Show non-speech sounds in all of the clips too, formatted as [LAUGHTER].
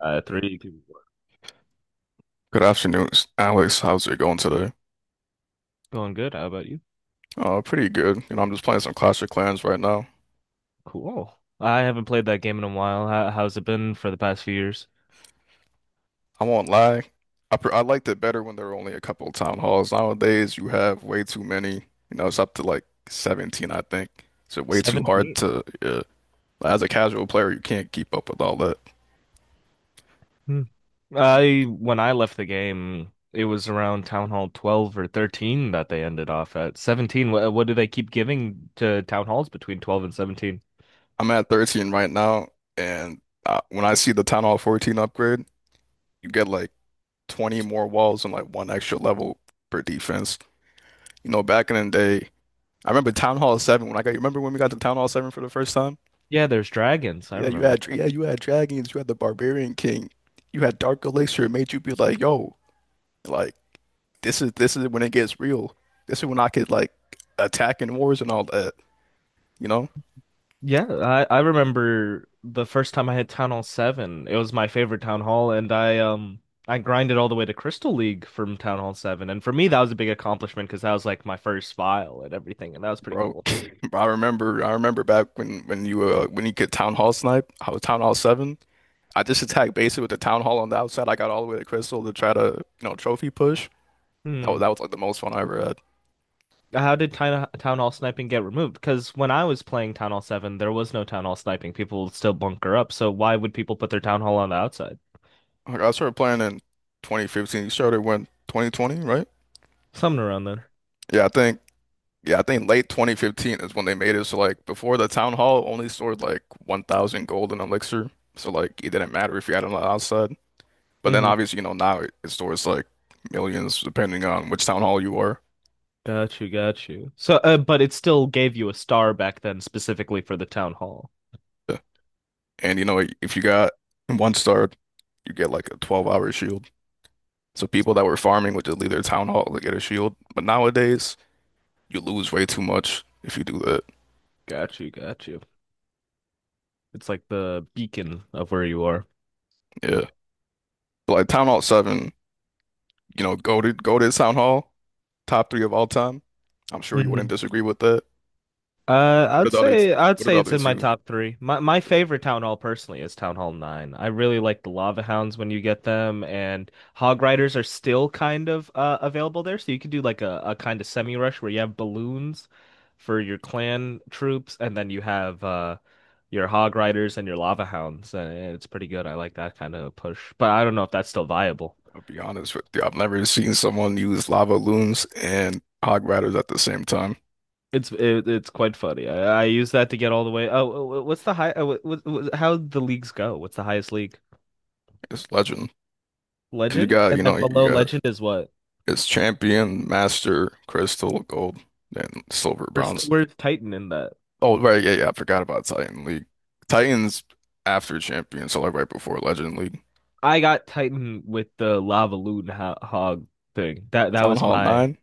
Three. Give. Good afternoon, Alex. How's it going today? Going good. How about you? Pretty good. You know, I'm just playing some Clash of Clans right now. Cool. I haven't played that game in a while. How's it been for the past few years? I won't lie. I liked it better when there were only a couple of town halls. Nowadays, you have way too many. You know, it's up to like 17, I think. It's way too hard 17. to, yeah. As a casual player, you can't keep up with all that. Hmm. I when I left the game, it was around Town Hall 12 or 13 that they ended off at. 17. What do they keep giving to Town Halls between 12 and 17? I'm at 13 right now, and when I see the Town Hall 14 upgrade, you get like 20 more walls and like one extra level per defense. You know, back in the day, I remember Town Hall 7 when I got, you remember when we got to Town Hall 7 for the first time? Yeah, there's dragons. I, yeah, Yeah, you remember. had yeah, you had dragons, you had the Barbarian King, you had Dark Elixir. It made you be like, yo, like this is when it gets real. This is when I could like attack in wars and all that, you know? Yeah, I remember the first time I had Town Hall 7. It was my favorite Town Hall, and I grinded all the way to Crystal League from Town Hall 7. And for me, that was a big accomplishment because that was like my first file and everything, and that was pretty Bro, cool. [LAUGHS] I remember back when you could Town Hall snipe. I was Town Hall 7. I just attacked basically with the town hall on the outside. I got all the way to Crystal to try to, trophy push. That Hmm. was, that was like the most fun I ever had. How did Town Hall sniping get removed? Because when I was playing Town Hall 7, there was no Town Hall sniping. People would still bunker up, so why would people put their Town Hall on the outside? Like, I started playing in 2015. You started when 2020, right? Something around there. Yeah, I think. Yeah, I think late 2015 is when they made it. So like before the town hall only stored like 1,000 gold in elixir. So like it didn't matter if you had it on the outside. But then Mm-hmm. obviously you know now it stores like millions depending on which town hall you are. Got you, got you. So, but it still gave you a star back then specifically for the Town Hall. Yeah. And you know if you got one star, you get like a 12-hour shield. So people that were farming would just leave their town hall to get a shield. But nowadays, you lose way too much if you do that. Got you, got you. It's like the beacon of where you are. Yeah. But like Town Hall 7, you know, go to Town Hall, top three of all time. I'm sure you wouldn't Hmm. disagree with that. What are I'd the other say I'd what are the say it's other in my two? top three. My Yeah, favorite town hall personally is Town Hall 9. I really like the lava hounds when you get them, and hog riders are still kind of available there, so you could do like a kind of semi rush where you have balloons for your clan troops, and then you have your hog riders and your lava hounds, and it's pretty good. I like that kind of push, but I don't know if that's still viable. I'll be honest with you. I've never seen someone use lava loons and hog riders at the same time. It's quite funny. I use that to get all the way. Oh, oh, oh, How the leagues go? What's the highest league? It's legend. 'Cause you Legend, got, you and know, then you below got Legend is what? it's champion, master, crystal, gold, and silver, Where's bronze. where's Titan in that? Oh, right, yeah, yeah. I forgot about Titan League. Titan's after Champions, so like right before Legend League. I got Titan with the Lava Loon ho Hog thing. That Town was Hall my. 9.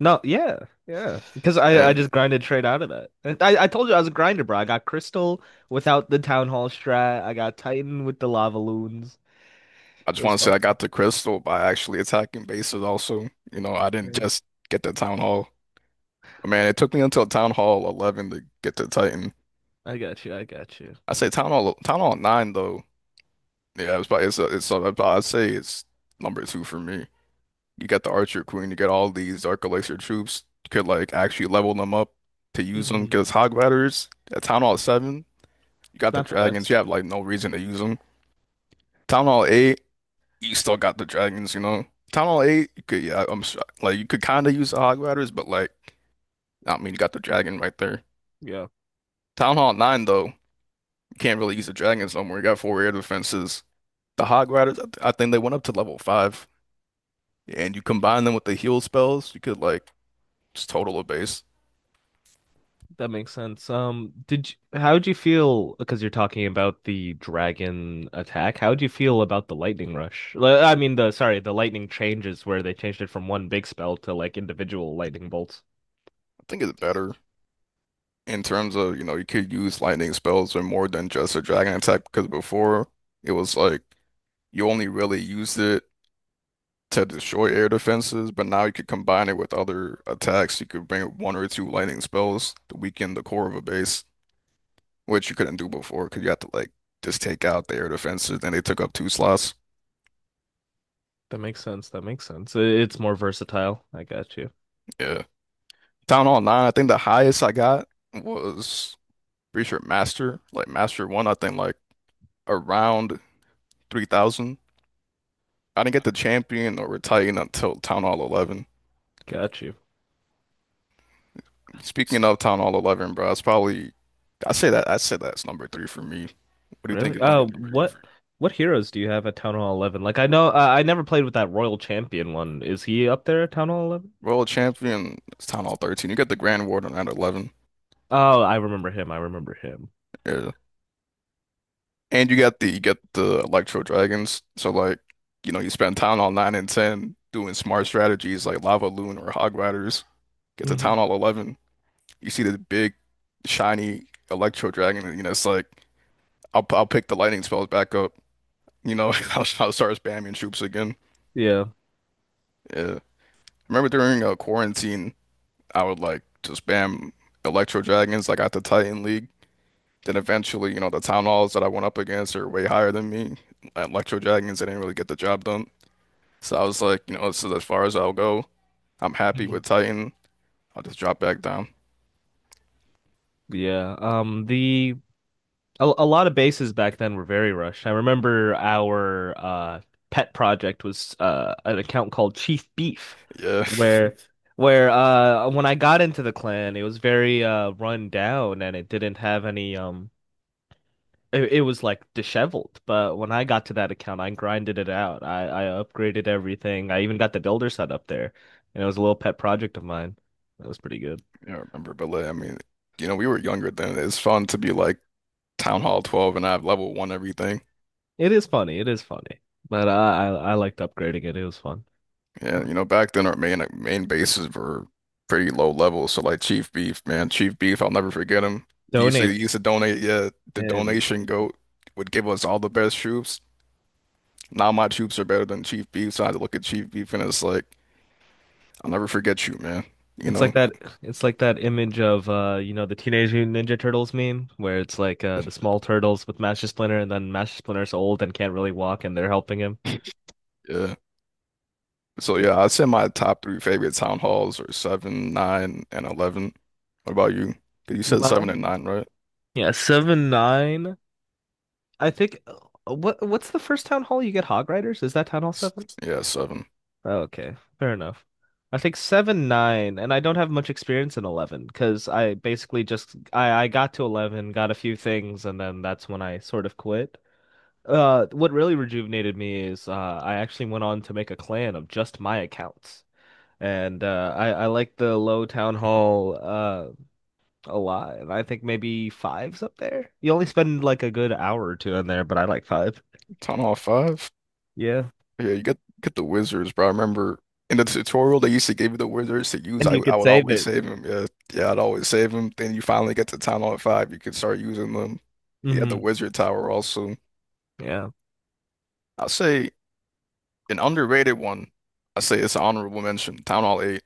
No. Yeah, yeah. Because I And just grinded straight out of that. And I told you I was a grinder, bro. I got Crystal without the Town Hall strat. I got Titan with the Lava Loons. I just It was want to say fun. I got the crystal by actually attacking bases also. You know, I didn't Yeah. just get the Town Hall. Man, it took me until Town Hall 11 to get the Titan. I got you. I got you. I say Town Hall 9 though. Yeah, it's probably it's a, I'd say it's number two for me. You got the Archer Queen, you get all these Dark Elixir troops. You could like actually level them up to use them Hmm. because Hog Riders at Town Hall 7. You got the Not the dragons. best. You have like no reason to use them. Town Hall 8, you still got the dragons, you know. Town Hall 8, you could yeah, I'm s- like you could kind of use the Hog Riders, but like I mean you got the dragon right there. Yeah. Town Hall 9 though, you can't really use the dragons no more. You got four air defenses. The Hog Riders, I think they went up to level 5, and you combine them with the heal spells, you could like just total a base. That makes sense. How'd you feel? Because you're talking about the dragon attack. How'd you feel about the lightning rush? I mean, the sorry, the lightning changes where they changed it from one big spell to like individual lightning bolts. I think it's better in terms of, you know, you could use lightning spells or more than just a dragon attack because before it was like you only really used it to destroy air defenses, but now you could combine it with other attacks. You could bring one or two lightning spells to weaken the core of a base, which you couldn't do before because you had to like just take out the air defenses. Then they took up two slots. That makes sense. That makes sense. It's more versatile. I got you. Yeah. Town Hall 9, I think the highest I got was pretty sure Master, like Master 1, I think like around 3,000. I didn't get the champion or Titan until Town Hall 11. Got you. S- Speaking of Town Hall 11, bro, it's probably, I say that, I say that's number three for me. What do you think Really? is number Oh, three for you? what heroes do you have at Town Hall 11? Like I know I never played with that Royal Champion one. Is he up there at Town Hall 11? World champion. It's Town Hall 13. You got the Grand Warden at 11. Oh, I remember him. I remember him. Yeah. And you got the Electro Dragons. So like, you know, you spend Town Hall 9 and 10 doing smart strategies like Lava Loon or Hog Riders. Get to Mhm. Town Hall 11. You see the big shiny Electro Dragon and you know it's like I'll pick the lightning spells back up. You know, [LAUGHS] I'll start spamming troops again. Yeah. Yeah. Remember during quarantine, I would like to spam Electro Dragons like at the Titan League. Then eventually, you know, the town halls that I went up against are way higher than me. At Electro Dragons, they didn't really get the job done. So I was like, you know, this is as far as I'll go. I'm happy with Titan. I'll just drop back down. Yeah. A lot of bases back then were very rushed. I remember our pet project was an account called Chief Beef Yeah, [LAUGHS] where [LAUGHS] where when I got into the clan it was very run down and it didn't have any it was like disheveled. But when I got to that account I grinded it out. I upgraded everything. I even got the builder set up there and it was a little pet project of mine. That was pretty good. yeah, I remember. But like, I mean, you know, we were younger then. It's fun to be like Town Hall 12 and have level one everything. It is funny. It is funny. But I liked upgrading it. It was fun. Yeah, I like you know, back then our main bases were pretty low level. So like Chief Beef, man, Chief Beef, I'll never forget him. He used to donate. he used to donate. Yeah, the And donation goat would give us all the best troops. Now my troops are better than Chief Beef. So I had to look at Chief Beef and it's like, I'll never forget you, man. You it's know? like that it's like that image of the Teenage Mutant Ninja Turtles meme where it's like the small turtles with Master Splinter and then Master Splinter's old and can't really walk and they're helping him. [LAUGHS] Yeah. So yeah, I'd say my top three favorite town halls are seven, 9, and 11. What about you? 'Cause you said seven and Mom? nine, right? Yeah, 7, 9. I think what's the first town hall you get hog riders? Is that town hall S- seven? Yeah, seven. Oh, okay, fair enough. I think seven, nine, and I don't have much experience in 11 because I basically just I got to 11, got a few things, and then that's when I sort of quit. What really rejuvenated me is I actually went on to make a clan of just my accounts, and I like the low town hall a lot, and I think maybe five's up there. You only spend like a good hour or two in there, but I like five. Town Hall five? Yeah. Yeah, you get the wizards, bro. I remember in the tutorial they used to give you the wizards to use. And I you I could would save always it. save them. Yeah, yeah, I'd always save them. Then you finally get to Town Hall five, you could start using them. You got the Hmm. wizard tower also. Yeah. I'll say an underrated one, I say it's an honorable mention, Town Hall 8,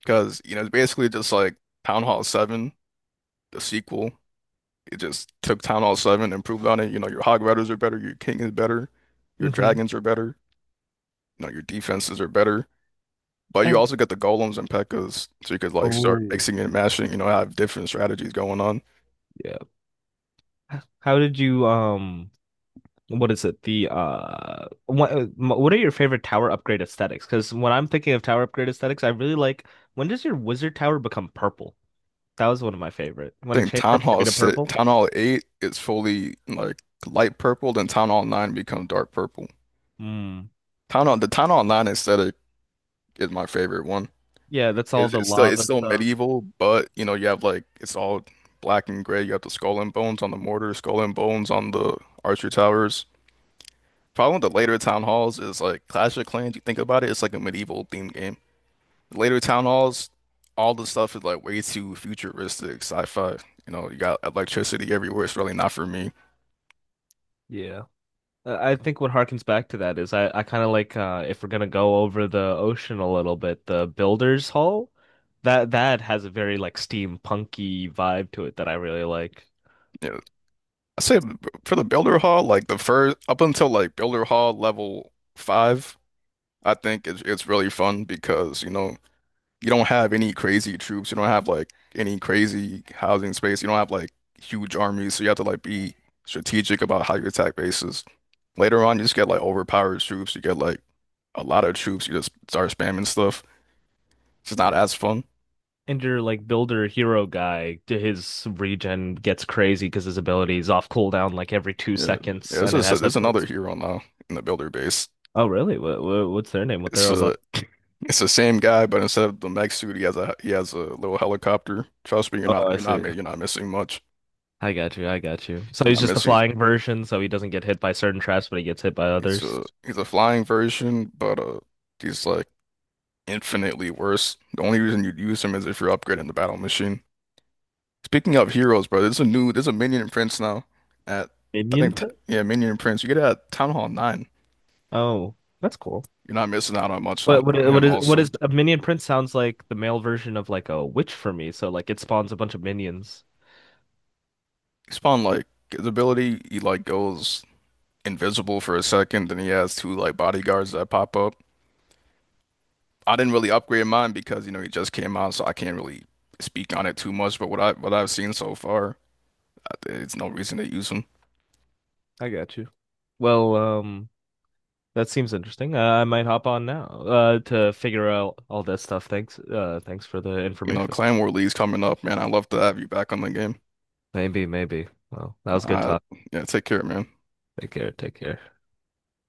because you know it's basically just like Town Hall 7, the sequel. It just took Town Hall 7, improved on it. You know, your Hog Riders are better, your King is better, your Hmm. Dragons are better, you know, your defenses are better. But you And. also get the Golems and Pekkas, so you could like start Oh. mixing and mashing. You know, have different strategies going on. Yeah. How did you what is it? What are your favorite tower upgrade aesthetics? Because when I'm thinking of tower upgrade aesthetics, I really like when does your wizard tower become purple? That was one of my favorite. I When it think changed Town from Hall gray to 6, purple. Town Hall 8 is fully like light purple, then Town Hall 9 becomes dark purple. Mm. Town Hall 9 aesthetic is my favorite one. Yeah, that's all It's, the it's still it's lava still stuff. medieval, but you know you have like it's all black and gray. You have the skull and bones on the mortar, skull and bones on the archer towers. Problem with the later town halls is like Clash of Clans. You think about it, it's like a medieval themed game. Later town halls, all the stuff is like way too futuristic, sci-fi. You know, you got electricity everywhere. It's really not for me. Yeah. I think what harkens back to that is I kind of like if we're gonna go over the ocean a little bit, the Builder's Hall, that has a very like steampunky vibe to it that I really like. Yeah, I say for the Builder Hall, like the first up until like Builder Hall level five, I think it's really fun because you know you don't have any crazy troops, you don't have like any crazy housing space, you don't have like huge armies, so you have to like be strategic about how you attack bases. Later on, you just get like overpowered troops, you get like a lot of troops, you just start spamming stuff. It's just not Yeah. as fun. And your like builder hero guy, his regen gets crazy because his ability is off cooldown like every two Yeah, yeah. seconds, This and it is has a. There's another hero now in the Builder base. Oh really? What's their name? What It's they're about? a it's the same guy, but instead of the mech suit, he has a little helicopter. Trust me, you're Oh, not I you're not see. mi- you're not missing much. I got you. I got you. So You're he's not just the missing. flying version, so he doesn't get hit by certain traps, but he gets hit by others. He's a flying version, but he's like infinitely worse. The only reason you'd use him is if you're upgrading the battle machine. Speaking of heroes, bro, there's a minion in prince now at. I Minion think t prince. yeah, minion in prince. You get it at Town Hall 9. Oh, that's cool. You're not missing out on much on, What on what what him. is what Also, is a minion prince? Sounds like the male version of like a witch for me. So like it spawns a bunch of minions. he spawned like his ability. He like goes invisible for a second. Then he has two like bodyguards that pop up. I didn't really upgrade mine because you know he just came out, so I can't really speak on it too much. But what I've seen so far, it's no reason to use him. I got you. Well, that seems interesting. I might hop on now to figure out all that stuff. Thanks. Thanks for the You know, information. Clan War League's coming up, man. I'd love to have you back on the game. Maybe, maybe. Well, that was a good Uh, talk. yeah, take care, man. Take care. Take care.